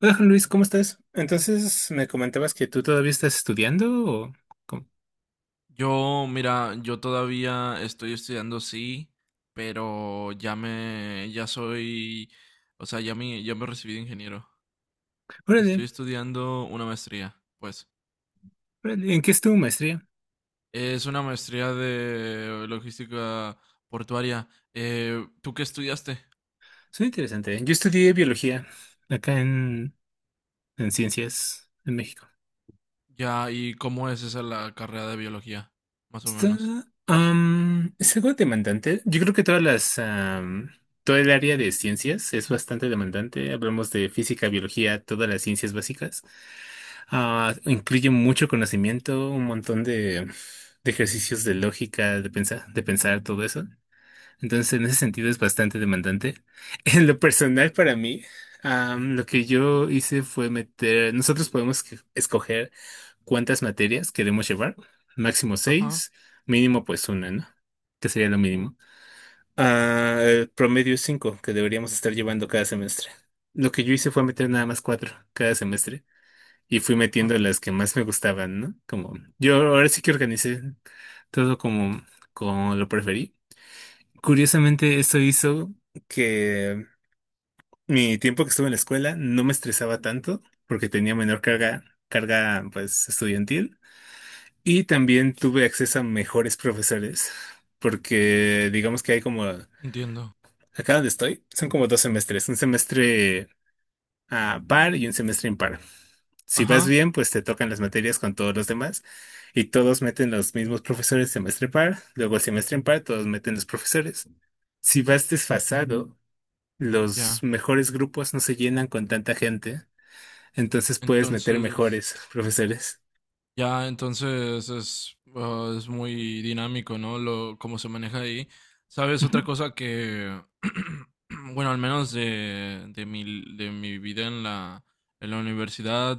Hola Juan Luis, ¿cómo estás? Entonces me comentabas que tú todavía estás estudiando, ¿o cómo? Yo, mira, yo todavía estoy estudiando, sí, pero ya soy, o sea, ya me recibí de ingeniero. Órale, Estoy estudiando una maestría, pues. órale, ¿en qué es tu maestría? Es una maestría de logística portuaria. ¿Tú qué estudiaste? Suena interesante. Yo estudié biología acá en Ciencias en México. Ya, ¿y cómo es esa la carrera de biología? Más o Está, menos. Es algo demandante. Yo creo que todo el área de ciencias es bastante demandante. Hablamos de física, biología, todas las ciencias básicas. Ah, incluye mucho conocimiento, un montón de ejercicios de lógica, de pensar todo eso. Entonces, en ese sentido es bastante demandante. En lo personal, para mí, lo que yo hice fue nosotros podemos escoger cuántas materias queremos llevar, máximo Ajá, seis, mínimo pues una, ¿no? Que sería lo mínimo. Ah, el promedio es cinco que deberíamos estar llevando cada semestre. Lo que yo hice fue meter nada más cuatro cada semestre y fui ajá, metiendo las que más me gustaban, ¿no? Como yo ahora sí que organicé todo como lo preferí. Curiosamente, eso hizo que mi tiempo que estuve en la escuela no me estresaba tanto porque tenía menor carga, carga pues estudiantil, y también tuve acceso a mejores profesores porque digamos que, hay como acá entiendo. donde estoy, son como dos semestres, un semestre a par y un semestre impar. Si vas Ajá, bien, pues te tocan las materias con todos los demás y todos meten los mismos profesores semestre par, luego el semestre impar todos meten los profesores. Si vas desfasado, los ya. mejores grupos no se llenan con tanta gente, entonces puedes meter Entonces, mejores profesores. ya, entonces es muy dinámico, ¿no? ¿Cómo se maneja ahí? ¿Sabes? Ujú. Otra cosa que, bueno, al menos de mi vida en la universidad,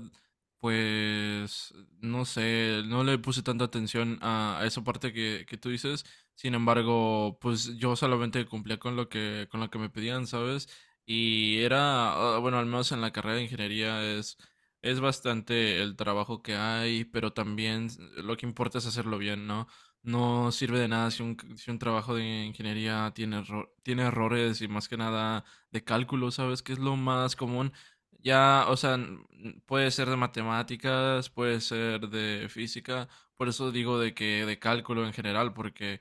pues, no sé, no le puse tanta atención a, esa parte que, tú dices. Sin embargo, pues yo solamente cumplía con lo que, me pedían, ¿sabes? Y era, bueno, al menos en la carrera de ingeniería es bastante el trabajo que hay, pero también lo que importa es hacerlo bien, ¿no? No sirve de nada si un, trabajo de ingeniería tiene, tiene errores y más que nada de cálculo, ¿sabes? Que es lo más común. Ya, o sea, puede ser de matemáticas, puede ser de física, por eso digo de que de cálculo en general, porque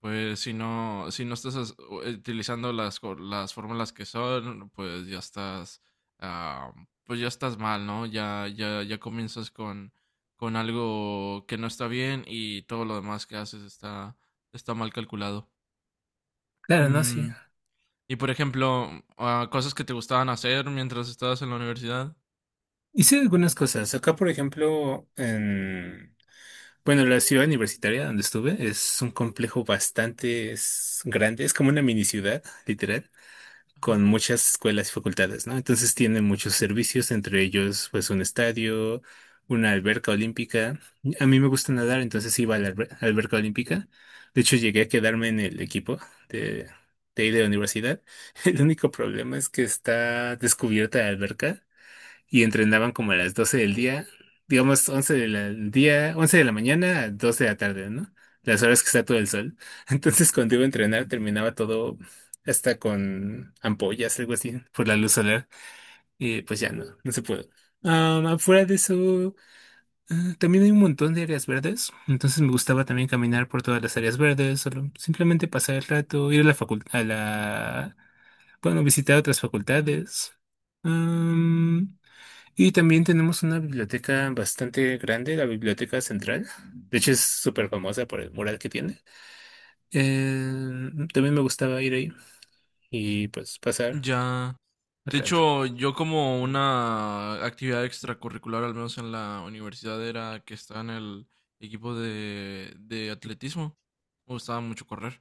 pues si no, estás utilizando las, las fórmulas que son, pues ya estás ah, pues ya estás mal, ¿no? Ya, ya, ya comienzas con, algo que no está bien y todo lo demás que haces está, mal calculado. Claro, no, sí. Mm, y por ejemplo, cosas que te gustaban hacer mientras estabas en la universidad. Hice algunas cosas. Acá, por ejemplo, bueno, la ciudad universitaria donde estuve es un complejo bastante, es grande, es como una mini ciudad, literal. Ajá. Con muchas escuelas y facultades, ¿no? Entonces tiene muchos servicios, entre ellos pues un estadio, una alberca olímpica. A mí me gusta nadar, entonces iba a la alberca olímpica. De hecho, llegué a quedarme en el equipo de, de ahí de la universidad. El único problema es que está descubierta la alberca y entrenaban como a las 12 del día, digamos 11 del día, 11 de la mañana a 12 de la tarde, ¿no? Las horas que está todo el sol. Entonces cuando iba a entrenar terminaba todo hasta con ampollas, algo así, por la luz solar. Y pues ya no, no se pudo. Afuera de eso, ah, también hay un montón de áreas verdes, entonces me gustaba también caminar por todas las áreas verdes, solo simplemente pasar el rato, ir a la facultad, bueno, visitar otras facultades. Y también tenemos una biblioteca bastante grande, la Biblioteca Central. De hecho, es súper famosa por el mural que tiene. Eh, También me gustaba ir ahí y pues pasar Ya. el De rato. hecho, yo como una actividad extracurricular, al menos en la universidad, era que estaba en el equipo de, atletismo. Me gustaba mucho correr.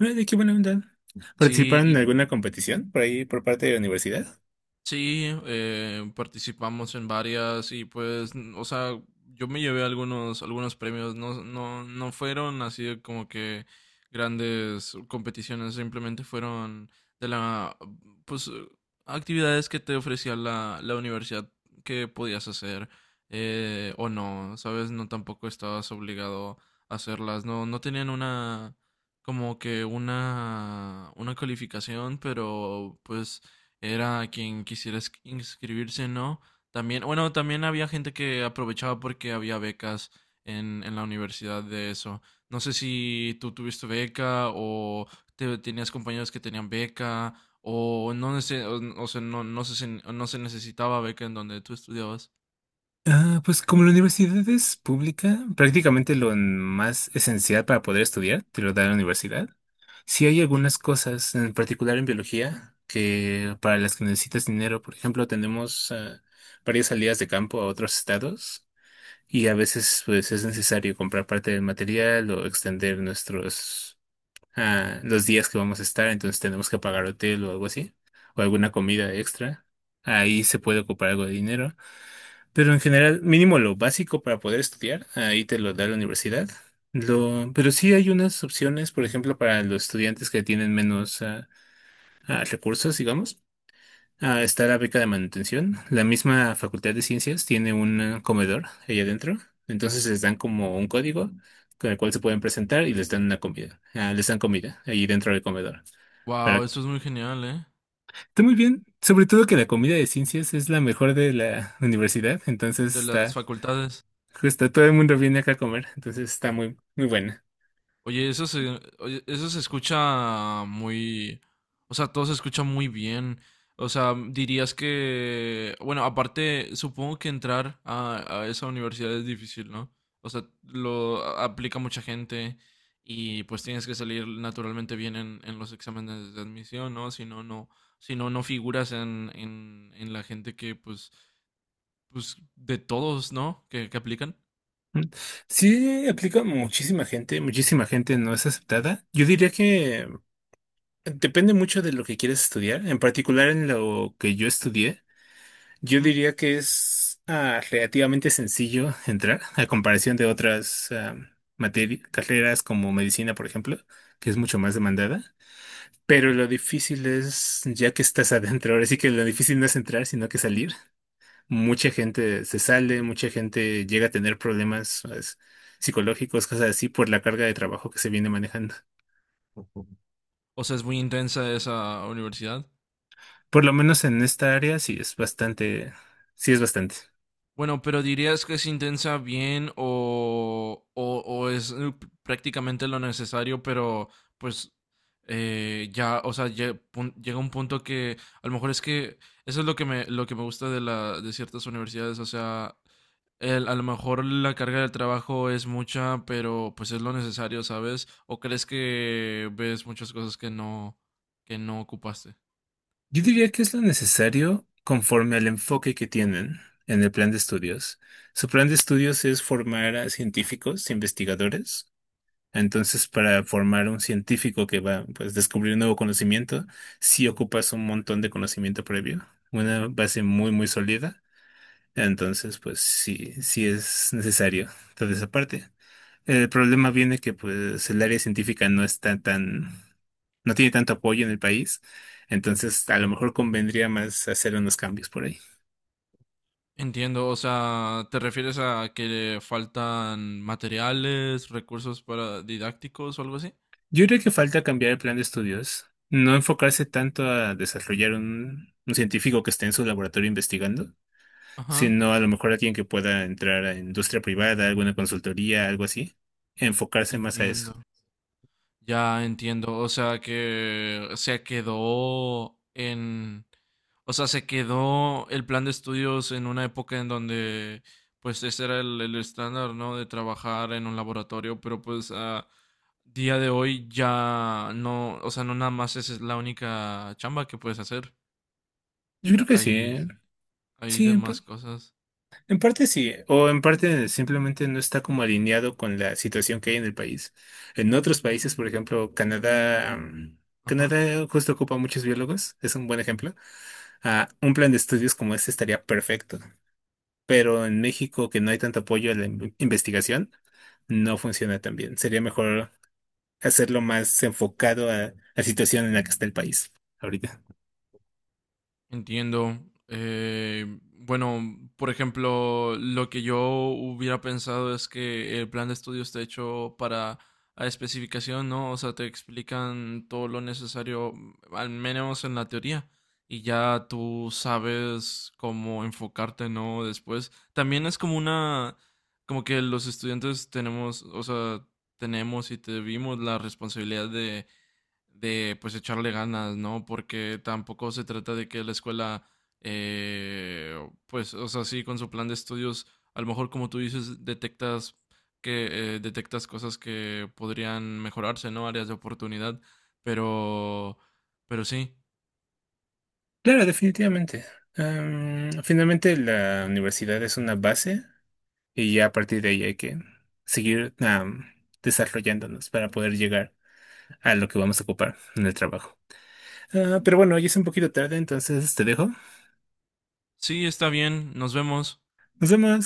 Ay, de qué buena onda. ¿Participaron en Sí, alguna competición por ahí por parte de la universidad? sí, participamos en varias y pues, o sea, yo me llevé algunos, premios, no, no, no fueron así de como que grandes competiciones, simplemente fueron de la, pues, actividades que te ofrecía la, universidad que podías hacer, o no, ¿sabes? No, tampoco estabas obligado a hacerlas, no, no tenían una, como que una, calificación, pero pues era quien quisiera inscribirse, ¿no? También, bueno, también había gente que aprovechaba porque había becas en, la universidad de eso. No sé si tú tuviste beca o tenías compañeros que tenían beca o no, sé o sea, no, no se, no se necesitaba beca en donde tú estudiabas. Ah, pues como la universidad es pública, prácticamente lo más esencial para poder estudiar te lo da la universidad. Sí hay algunas cosas, en particular en biología, que, para las que necesitas dinero. Por ejemplo, tenemos, varias salidas de campo a otros estados, y a veces pues es necesario comprar parte del material o extender los días que vamos a estar, entonces tenemos que pagar hotel o algo así, o alguna comida extra. Ahí se puede ocupar algo de dinero. Pero en general, mínimo lo básico para poder estudiar, ahí te lo da la universidad. Pero sí hay unas opciones, por ejemplo, para los estudiantes que tienen menos, recursos, digamos. Ah, está la beca de manutención. La misma Facultad de Ciencias tiene un comedor ahí adentro. Entonces les dan como un código con el cual se pueden presentar y les dan una comida. Ah, les dan comida ahí dentro del comedor. Wow, Pero eso es muy genial, ¿eh? está muy bien, sobre todo que la comida de ciencias es la mejor de la universidad, entonces De las está facultades. justo todo el mundo viene acá a comer, entonces está muy, muy buena. Oye, eso se escucha muy, o sea, todo se escucha muy bien. O sea, dirías que, bueno, aparte, supongo que entrar a, esa universidad es difícil, ¿no? O sea, aplica mucha gente y pues tienes que salir naturalmente bien en, los exámenes de admisión, ¿no? Si no, no, si no, no figuras en, la gente que, pues, de todos, ¿no? Que aplican. Mm. Sí, aplica muchísima gente no es aceptada. Yo diría que, depende mucho de lo que quieres estudiar, en particular en lo que yo estudié. Yo Ujú. diría que es, relativamente sencillo entrar a comparación de otras materias, carreras como medicina, por ejemplo, que es mucho más demandada. Pero lo difícil es, ya que estás adentro, ahora sí que lo difícil no es entrar, sino que salir. Mucha gente se sale, mucha gente llega a tener problemas, ¿sabes? Psicológicos, cosas así, por la carga de trabajo que se viene manejando. O sea, es muy intensa esa universidad. Por lo menos en esta área sí es bastante, sí es bastante. Bueno, pero ¿dirías que es intensa bien o, es prácticamente lo necesario, pero pues ya, o sea, llega un punto que a lo mejor es que eso es lo que me, gusta de ciertas universidades, o sea, a lo mejor la carga del trabajo es mucha, pero pues es lo necesario, ¿sabes? ¿O crees que ves muchas cosas que no, ocupaste? Yo diría que es lo necesario conforme al enfoque que tienen en el plan de estudios. Su plan de estudios es formar a científicos, investigadores. Entonces, para formar un científico que va, pues, a descubrir nuevo conocimiento, sí ocupas un montón de conocimiento previo, una base muy, muy sólida. Entonces, pues sí, sí es necesario toda esa parte. El problema viene que pues el área científica no tiene tanto apoyo en el país. Entonces, a lo mejor convendría más hacer unos cambios por ahí. Entiendo, o sea, ¿te refieres a que le faltan materiales, recursos para didácticos o algo así? Yo creo que falta cambiar el plan de estudios, no enfocarse tanto a desarrollar un científico que esté en su laboratorio investigando, Ajá, sino a lo mejor alguien que pueda entrar a industria privada, alguna consultoría, algo así, enfocarse más a eso. entiendo. Ya entiendo, o sea que o sea, se quedó el plan de estudios en una época en donde, pues, ese era el, estándar, ¿no? De trabajar en un laboratorio, pero pues a día de hoy ya no, o sea, no nada más esa es la única chamba que puedes hacer. Yo creo Ta- que sí, Hay ¿eh? Hay Sí, demás cosas. en parte sí, o en parte simplemente no está como alineado con la situación que hay en el país. En otros países, por ejemplo, Canadá, Ajá. Canadá justo ocupa muchos biólogos, es un buen ejemplo. Ah, un plan de estudios como este estaría perfecto, pero en México, que no hay tanto apoyo a la investigación, no funciona tan bien. Sería mejor hacerlo más enfocado a la situación en la que está el país ahorita. Entiendo. Bueno, por ejemplo, lo que yo hubiera pensado es que el plan de estudio está hecho para a especificación, ¿no? O sea, te explican todo lo necesario, al menos en la teoría, y ya tú sabes cómo enfocarte, ¿no? Después. También es como como que los estudiantes tenemos, o sea, tenemos y te vimos la responsabilidad de pues echarle ganas, ¿no? Porque tampoco se trata de que la escuela, eh, pues, o sea, sí, con su plan de estudios, a lo mejor como tú dices, detectas que detectas cosas que podrían mejorarse, ¿no? Áreas de oportunidad, pero, sí, Claro, definitivamente. Finalmente la universidad es una base, y ya a partir de ahí hay que seguir, desarrollándonos para poder llegar a lo que vamos a ocupar en el trabajo. Ah, pero bueno, ya es un poquito tarde, entonces te dejo. sí, está bien, nos vemos. Nos vemos.